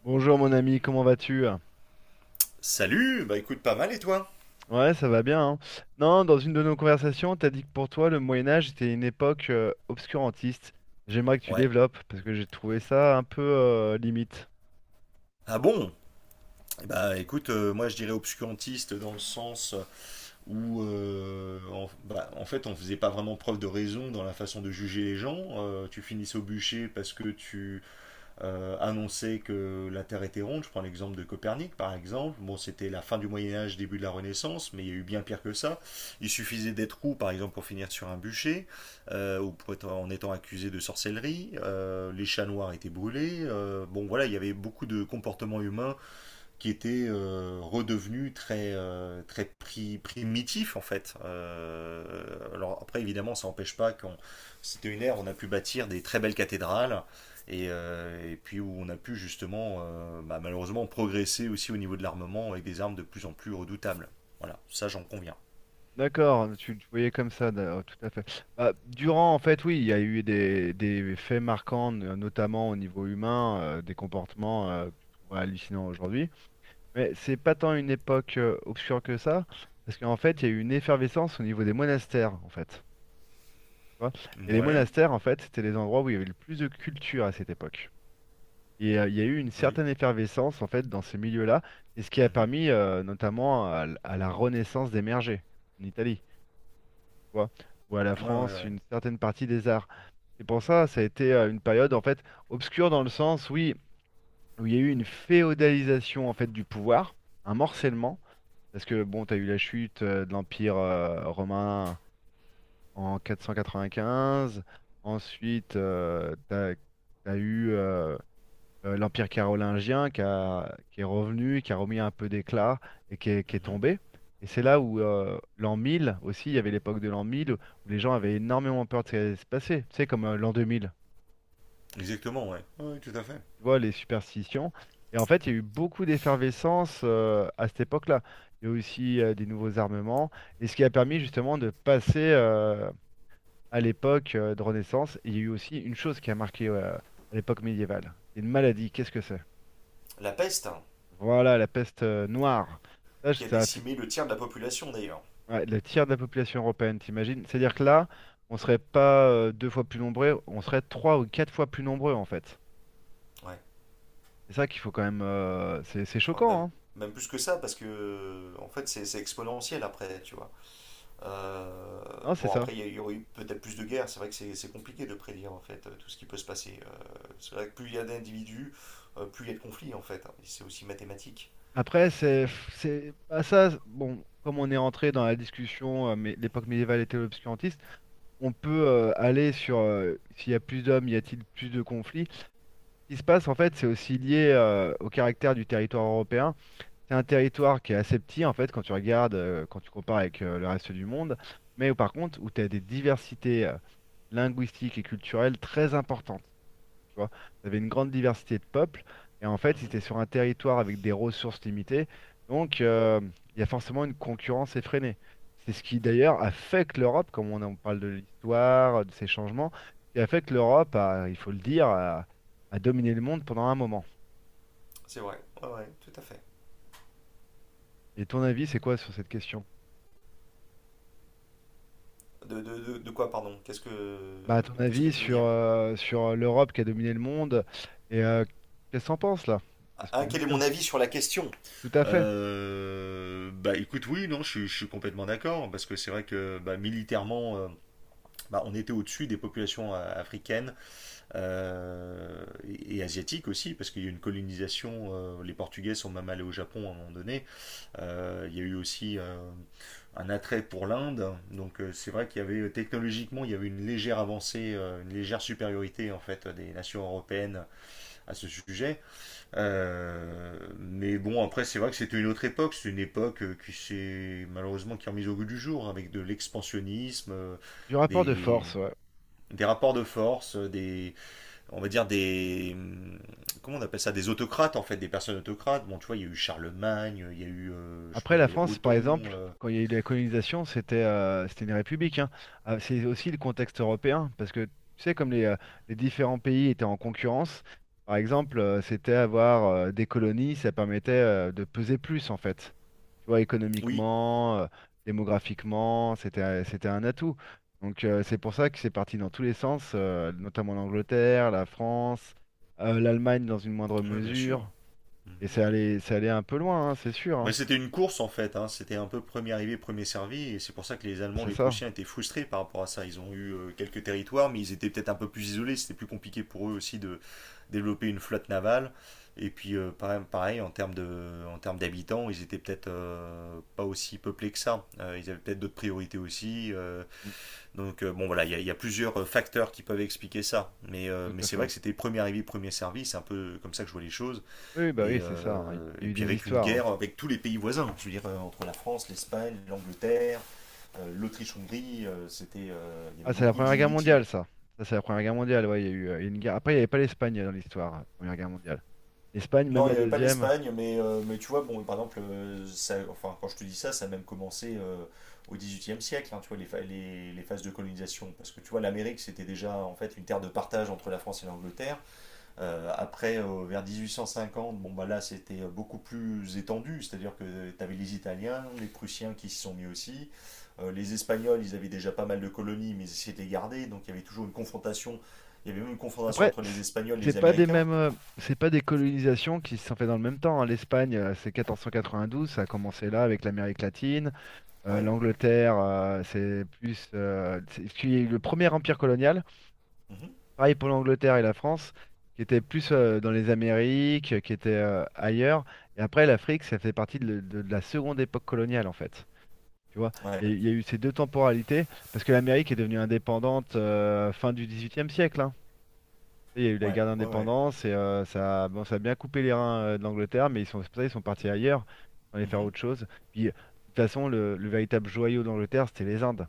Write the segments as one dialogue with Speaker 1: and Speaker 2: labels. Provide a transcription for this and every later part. Speaker 1: Bonjour mon ami, comment vas-tu?
Speaker 2: Salut, écoute pas mal et toi?
Speaker 1: Ouais, ça va bien, hein. Non, dans une de nos conversations, t'as dit que pour toi, le Moyen Âge était une époque obscurantiste. J'aimerais que tu
Speaker 2: Ouais.
Speaker 1: développes, parce que j'ai trouvé ça un peu limite.
Speaker 2: Ah bon? Bah écoute, moi je dirais obscurantiste dans le sens où en fait on faisait pas vraiment preuve de raison dans la façon de juger les gens. Tu finissais au bûcher parce que tu annoncer que la Terre était ronde. Je prends l'exemple de Copernic, par exemple. Bon, c'était la fin du Moyen Âge, début de la Renaissance, mais il y a eu bien pire que ça. Il suffisait d'être roux, par exemple, pour finir sur un bûcher, en étant accusé de sorcellerie. Les chats noirs étaient brûlés. Bon, voilà, il y avait beaucoup de comportements humains qui était redevenu très primitif en fait. Alors après évidemment ça n'empêche pas qu'on c'était une ère où on a pu bâtir des très belles cathédrales et puis où on a pu justement malheureusement progresser aussi au niveau de l'armement avec des armes de plus en plus redoutables. Voilà, ça j'en conviens.
Speaker 1: D'accord, tu le voyais comme ça, d'accord, tout à fait. Bah, durant, en fait, oui, il y a eu des faits marquants, notamment au niveau humain, des comportements que tu trouves hallucinants aujourd'hui. Mais c'est pas tant une époque obscure que ça, parce qu'en fait, il y a eu une effervescence au niveau des monastères, en fait, tu vois. Et les
Speaker 2: Ouais,
Speaker 1: monastères, en fait, c'était les endroits où il y avait le plus de culture à cette époque. Et il y a eu une
Speaker 2: oui.
Speaker 1: certaine effervescence, en fait, dans ces milieux-là. C'est ce qui a
Speaker 2: Mhm.
Speaker 1: permis, notamment, à la Renaissance d'émerger en Italie, tu vois, ou à la
Speaker 2: Ouais, ouais,
Speaker 1: France,
Speaker 2: ouais.
Speaker 1: une certaine partie des arts. C'est pour ça, ça a été une période, en fait, obscure dans le sens, oui, où il y a eu une féodalisation, en fait, du pouvoir, un morcellement, parce que, bon, tu as eu la chute de l'Empire romain, en 495. Ensuite, t'as eu l'Empire carolingien qui est revenu, qui a remis un peu d'éclat et qui est
Speaker 2: Mhm.
Speaker 1: tombé. Et c'est là où l'an 1000 aussi, il y avait l'époque de l'an 1000 où les gens avaient énormément peur de ce qui allait se passer. Tu sais, comme l'an 2000,
Speaker 2: Exactement, ouais. Oui, tout à fait.
Speaker 1: tu vois, les superstitions. Et en fait, il y a eu beaucoup d'effervescence à cette époque-là. Il y a eu aussi des nouveaux armements, et ce qui a permis justement de passer à l'époque de Renaissance. Et il y a eu aussi une chose qui a marqué à l'époque médiévale. C'est une maladie. Qu'est-ce que c'est?
Speaker 2: La peste, hein,
Speaker 1: Voilà, la peste noire. Ça, je-
Speaker 2: qui a
Speaker 1: ça a fait-
Speaker 2: décimé le tiers de la population d'ailleurs.
Speaker 1: Ouais, le tiers de la population européenne, t'imagines? C'est-à-dire que là, on serait pas deux fois plus nombreux, on serait trois ou quatre fois plus nombreux en fait.
Speaker 2: Ouais.
Speaker 1: C'est ça qu'il faut quand même. C'est
Speaker 2: Enfin,
Speaker 1: choquant,
Speaker 2: même,
Speaker 1: hein?
Speaker 2: même plus que ça, parce que en fait c'est exponentiel après, tu vois.
Speaker 1: Non, c'est
Speaker 2: Bon,
Speaker 1: ça.
Speaker 2: après il y aurait eu peut-être plus de guerres, c'est vrai que c'est compliqué de prédire en fait tout ce qui peut se passer. C'est vrai que plus il y a d'individus, plus il y a de conflits en fait, hein. Et c'est aussi mathématique.
Speaker 1: Après, bah ça, bon, comme on est entré dans la discussion, mais l'époque médiévale était l'obscurantisme, on peut aller sur s'il y a plus d'hommes, y a-t-il plus de conflits? Ce qui se passe, en fait, c'est aussi lié au caractère du territoire européen. C'est un territoire qui est assez petit, en fait, quand tu compares avec le reste du monde, mais par contre, où tu as des diversités linguistiques et culturelles très importantes, tu vois. Tu avais une grande diversité de peuples, et en fait,
Speaker 2: Mhm.
Speaker 1: c'était sur un territoire avec des ressources limitées, donc il y a forcément une concurrence effrénée. C'est ce qui d'ailleurs a fait que l'Europe, comme on en parle de l'histoire, de ces changements, ce qui a fait que l'Europe a, il faut le dire, a dominé le monde pendant un moment.
Speaker 2: C'est vrai, ouais, ouais, tout à fait.
Speaker 1: Et ton avis, c'est quoi sur cette question?
Speaker 2: De quoi, pardon?
Speaker 1: Bah, à ton
Speaker 2: Qu'est-ce que
Speaker 1: avis
Speaker 2: tu veux dire?
Speaker 1: sur l'Europe qui a dominé le monde, et qu'est-ce que t'en penses là? C'est ce que
Speaker 2: Ah,
Speaker 1: je viens de
Speaker 2: quel est mon
Speaker 1: dire.
Speaker 2: avis sur la question?
Speaker 1: Tout à fait.
Speaker 2: Bah écoute, oui, non, je suis complètement d'accord, parce que c'est vrai que bah, militairement, bah, on était au-dessus des populations africaines et asiatiques aussi, parce qu'il y a eu une colonisation. Euh, les Portugais sont même allés au Japon à un moment donné. Il y a eu aussi un attrait pour l'Inde. Donc c'est vrai qu'il y avait technologiquement, il y avait une légère avancée, une légère supériorité en fait des nations européennes à ce sujet. Mais bon, après c'est vrai que c'était une autre époque. C'est une époque qui s'est malheureusement qui est remise au goût du jour avec de l'expansionnisme.
Speaker 1: Du rapport de
Speaker 2: Des,
Speaker 1: force, ouais.
Speaker 2: des rapports de force, des, on va dire des, comment on appelle ça, des autocrates en fait, des personnes autocrates. Bon, tu vois, il y a eu Charlemagne, il y a eu, je sais pas,
Speaker 1: Après,
Speaker 2: il y
Speaker 1: la
Speaker 2: avait
Speaker 1: France, par
Speaker 2: Othon.
Speaker 1: exemple,
Speaker 2: Euh.
Speaker 1: quand il y a eu la colonisation, c'était une république, hein. Ah, c'est aussi le contexte européen, parce que tu sais, comme les différents pays étaient en concurrence, par exemple, c'était avoir des colonies, ça permettait de peser plus, en fait. Tu vois,
Speaker 2: Oui,
Speaker 1: économiquement, démographiquement, c'était un atout. Donc, c'est pour ça que c'est parti dans tous les sens, notamment l'Angleterre, la France, l'Allemagne dans une moindre
Speaker 2: oui, bien sûr.
Speaker 1: mesure. Et
Speaker 2: Mhm.
Speaker 1: ça allait un peu loin, hein, c'est sûr,
Speaker 2: Bah,
Speaker 1: hein.
Speaker 2: c'était une course en fait, hein. C'était un peu premier arrivé, premier servi, et c'est pour ça que les Allemands,
Speaker 1: C'est
Speaker 2: les
Speaker 1: ça.
Speaker 2: Prussiens étaient frustrés par rapport à ça. Ils ont eu quelques territoires, mais ils étaient peut-être un peu plus isolés, c'était plus compliqué pour eux aussi de développer une flotte navale. Et puis pareil, pareil, en termes d'habitants, ils étaient peut-être pas aussi peuplés que ça. Ils avaient peut-être d'autres priorités aussi.
Speaker 1: Mm.
Speaker 2: Donc bon voilà, il y a plusieurs facteurs qui peuvent expliquer ça.
Speaker 1: Tout
Speaker 2: Mais
Speaker 1: à
Speaker 2: c'est vrai
Speaker 1: fait.
Speaker 2: que c'était premier arrivé, premier servi, c'est un peu comme ça que je vois les choses.
Speaker 1: Oui, oui, bah oui, c'est ça, hein. Il
Speaker 2: Et
Speaker 1: y a eu
Speaker 2: puis
Speaker 1: des
Speaker 2: avec une
Speaker 1: histoires, hein.
Speaker 2: guerre avec tous les pays voisins, je veux dire, entre la France, l'Espagne, l'Angleterre, l'Autriche-Hongrie, il y
Speaker 1: Ah,
Speaker 2: avait
Speaker 1: c'est la
Speaker 2: beaucoup
Speaker 1: Première Guerre
Speaker 2: d'inimitié.
Speaker 1: mondiale, ça. Ça, c'est la Première Guerre mondiale. Ouais, il y a eu une guerre. Après, il n'y avait pas l'Espagne dans l'histoire, la Première Guerre mondiale. L'Espagne, même
Speaker 2: Non, il
Speaker 1: la
Speaker 2: n'y avait pas
Speaker 1: deuxième.
Speaker 2: l'Espagne, mais tu vois, bon, par exemple, enfin, quand je te dis ça, ça a même commencé au XVIIIe siècle, hein, tu vois, les phases de colonisation. Parce que tu vois, l'Amérique, c'était déjà en fait une terre de partage entre la France et l'Angleterre. Après, vers 1850, bon, bah là, c'était beaucoup plus étendu, c'est-à-dire que tu avais les Italiens, les Prussiens qui s'y sont mis aussi. Les Espagnols, ils avaient déjà pas mal de colonies, mais ils essayaient de les garder, donc il y avait toujours une confrontation. Il y avait même une confrontation
Speaker 1: Après,
Speaker 2: entre les Espagnols et
Speaker 1: c'est
Speaker 2: les
Speaker 1: pas des
Speaker 2: Américains.
Speaker 1: mêmes, c'est pas des colonisations qui se sont faites dans le même temps, hein. L'Espagne, c'est 1492, ça a commencé là avec l'Amérique latine.
Speaker 2: Ouais.
Speaker 1: L'Angleterre, c'est plus, parce qu'il y a eu le premier empire colonial.
Speaker 2: Mhm.
Speaker 1: Pareil pour l'Angleterre et la France, qui étaient plus dans les Amériques, qui étaient ailleurs. Et après, l'Afrique, ça fait partie de la seconde époque coloniale, en fait. Tu vois,
Speaker 2: Ouais,
Speaker 1: il y a eu ces deux temporalités, parce que l'Amérique est devenue indépendante fin du XVIIIe siècle, hein. Il y a eu la
Speaker 2: ouais,
Speaker 1: guerre
Speaker 2: ouais, ouais.
Speaker 1: d'indépendance et bon, ça a bien coupé les reins de l'Angleterre, mais ils sont, c'est pour ça, ils sont partis ailleurs, ils sont allés faire
Speaker 2: Mhm.
Speaker 1: autre chose. Puis, de toute façon, le véritable joyau d'Angleterre, c'était les Indes.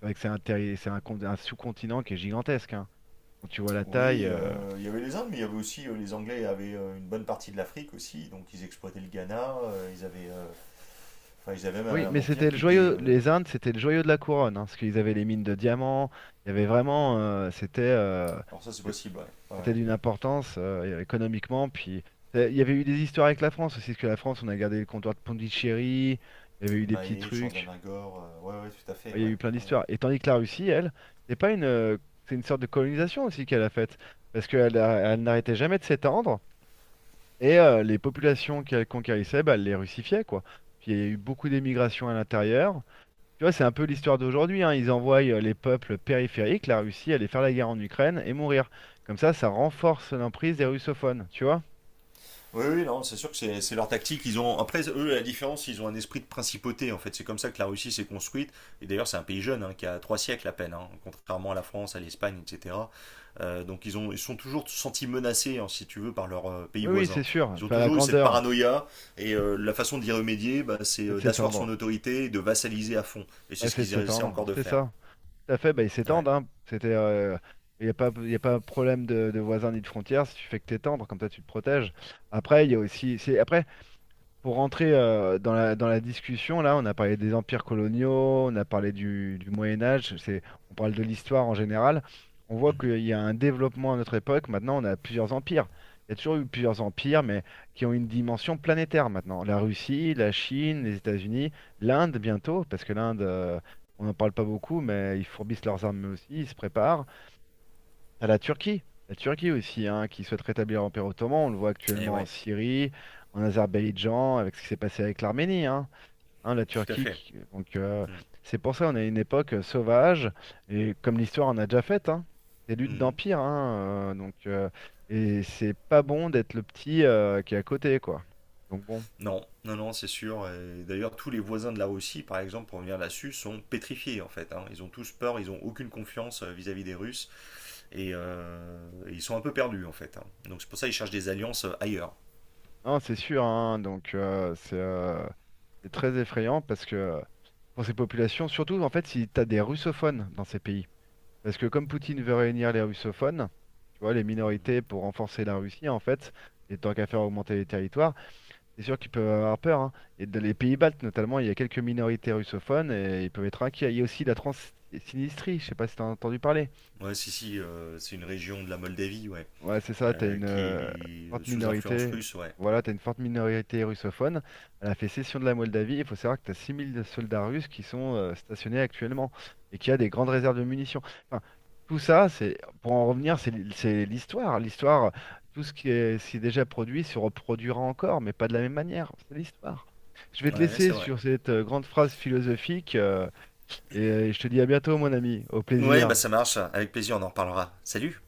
Speaker 1: C'est vrai que c'est un, terri- c'est un con- un sous-continent qui est gigantesque, hein. Quand tu vois la taille.
Speaker 2: Oui, il y avait les Indes, mais il y avait aussi les Anglais avaient une bonne partie de l'Afrique aussi, donc ils exploitaient le Ghana, enfin, ils avaient même
Speaker 1: Oui,
Speaker 2: un
Speaker 1: mais c'était
Speaker 2: empire
Speaker 1: le
Speaker 2: qui était.
Speaker 1: joyau,
Speaker 2: Euh.
Speaker 1: les Indes, c'était le joyau de la couronne, hein, parce qu'ils avaient les mines de diamants, il y avait vraiment,
Speaker 2: Alors ça, c'est
Speaker 1: c'est-
Speaker 2: possible, ouais. Ouais.
Speaker 1: c'était d'une importance économiquement, puis il y avait eu des histoires avec la France aussi, parce que la France, on a gardé le comptoir de Pondichéry, il y avait eu des petits
Speaker 2: Maé,
Speaker 1: trucs,
Speaker 2: Chandanagore, ouais, ouais, tout à
Speaker 1: il
Speaker 2: fait,
Speaker 1: y a
Speaker 2: ouais,
Speaker 1: eu plein
Speaker 2: ouais.
Speaker 1: d'histoires. Et tandis que la Russie, elle, c'est pas une, c'est une sorte de colonisation aussi qu'elle a faite, parce qu'elle n'arrêtait jamais de s'étendre, et les populations qu'elle conquérissait, bah, elle les russifiait, quoi. Puis il y a eu beaucoup d'émigration à l'intérieur. Tu vois, c'est un peu l'histoire d'aujourd'hui, hein. Ils envoient les peuples périphériques, la Russie, aller faire la guerre en Ukraine et mourir. Comme ça renforce l'emprise des russophones, tu vois?
Speaker 2: Oui, oui, non, c'est sûr que c'est leur tactique. Ils ont, après, eux, la différence, ils ont un esprit de principauté, en fait. C'est comme ça que la Russie s'est construite. Et d'ailleurs, c'est un pays jeune, hein, qui a trois siècles à peine, hein, contrairement à la France, à l'Espagne, etc. Donc, ils sont toujours sentis menacés, hein, si tu veux, par leurs pays
Speaker 1: Oui, oui, c'est
Speaker 2: voisins.
Speaker 1: sûr.
Speaker 2: Ils ont
Speaker 1: Enfin, la
Speaker 2: toujours eu cette
Speaker 1: grandeur,
Speaker 2: paranoïa, et la façon d'y remédier, bah, c'est
Speaker 1: c'est de
Speaker 2: d'asseoir son
Speaker 1: s'étendre.
Speaker 2: autorité et de vassaliser à fond. Et c'est
Speaker 1: Bah,
Speaker 2: ce
Speaker 1: c'est de
Speaker 2: qu'ils essaient
Speaker 1: s'étendre,
Speaker 2: encore de
Speaker 1: c'est
Speaker 2: faire.
Speaker 1: ça. Tout à fait, bah, ils
Speaker 2: Ouais.
Speaker 1: s'étendent, hein. C'était, il n'y a pas, y a pas problème de voisins ni de frontières si tu fais que t'étendre, comme ça tu te protèges. Après, il y a aussi, c'est, après, pour rentrer dans la discussion, là, on a parlé des empires coloniaux, on a parlé du Moyen Âge, c'est, on parle de l'histoire en général. On voit
Speaker 2: Mhm.
Speaker 1: qu'il y a un développement à notre époque. Maintenant, on a plusieurs empires. Il y a toujours eu plusieurs empires, mais qui ont une dimension planétaire maintenant. La Russie, la Chine, les États-Unis, l'Inde bientôt, parce que l'Inde, on n'en parle pas beaucoup, mais ils fourbissent leurs armes aussi, ils se préparent. T'as la Turquie aussi, hein, qui souhaite rétablir l'Empire ottoman. On le voit
Speaker 2: Et
Speaker 1: actuellement en
Speaker 2: ouais,
Speaker 1: Syrie, en Azerbaïdjan, avec ce qui s'est passé avec l'Arménie. Hein, hein, la
Speaker 2: tout à
Speaker 1: Turquie,
Speaker 2: fait.
Speaker 1: donc
Speaker 2: Mhm.
Speaker 1: c'est pour ça qu'on a une époque sauvage et comme l'histoire en a déjà fait, hein, des luttes
Speaker 2: Mhm.
Speaker 1: d'empire. Hein, donc et c'est pas bon d'être le petit qui est à côté, quoi. Donc bon,
Speaker 2: Non, non, non, c'est sûr. Et d'ailleurs, tous les voisins de la Russie, par exemple, pour revenir là-dessus, sont pétrifiés en fait, hein. Ils ont tous peur, ils ont aucune confiance vis-à-vis des Russes et ils sont un peu perdus en fait, hein. Donc c'est pour ça qu'ils cherchent des alliances ailleurs.
Speaker 1: non, c'est sûr. Hein, donc c'est très effrayant parce que pour ces populations, surtout en fait, si t'as des russophones dans ces pays. Parce que comme Poutine veut réunir les russophones, tu vois, les minorités pour renforcer la Russie, en fait, et tant qu'à faire augmenter les territoires, c'est sûr qu'ils peuvent avoir peur, hein. Et dans les pays baltes, notamment, il y a quelques minorités russophones et ils peuvent être inquiets. Il y a aussi la Transsinistrie, je sais pas si tu as entendu parler.
Speaker 2: Ouais, si, si, c'est une région de la Moldavie, ouais,
Speaker 1: Ouais, c'est ça, t'as une
Speaker 2: qui est
Speaker 1: forte
Speaker 2: sous influence
Speaker 1: minorité.
Speaker 2: russe, ouais.
Speaker 1: Voilà, t'as une forte minorité russophone. Elle a fait cession de la Moldavie. Il faut savoir que t'as 6 000 soldats russes qui sont stationnés actuellement et qui a des grandes réserves de munitions. Enfin, tout ça, c'est pour en revenir, c'est l'histoire. L'histoire, tout ce qui est déjà produit se reproduira encore, mais pas de la même manière. C'est l'histoire. Je vais
Speaker 2: Ouais,
Speaker 1: te
Speaker 2: ouais,
Speaker 1: laisser
Speaker 2: c'est vrai.
Speaker 1: sur cette grande phrase philosophique et je te dis à bientôt, mon ami. Au
Speaker 2: Ouais, bah
Speaker 1: plaisir.
Speaker 2: ça marche. Avec plaisir, on en reparlera. Salut!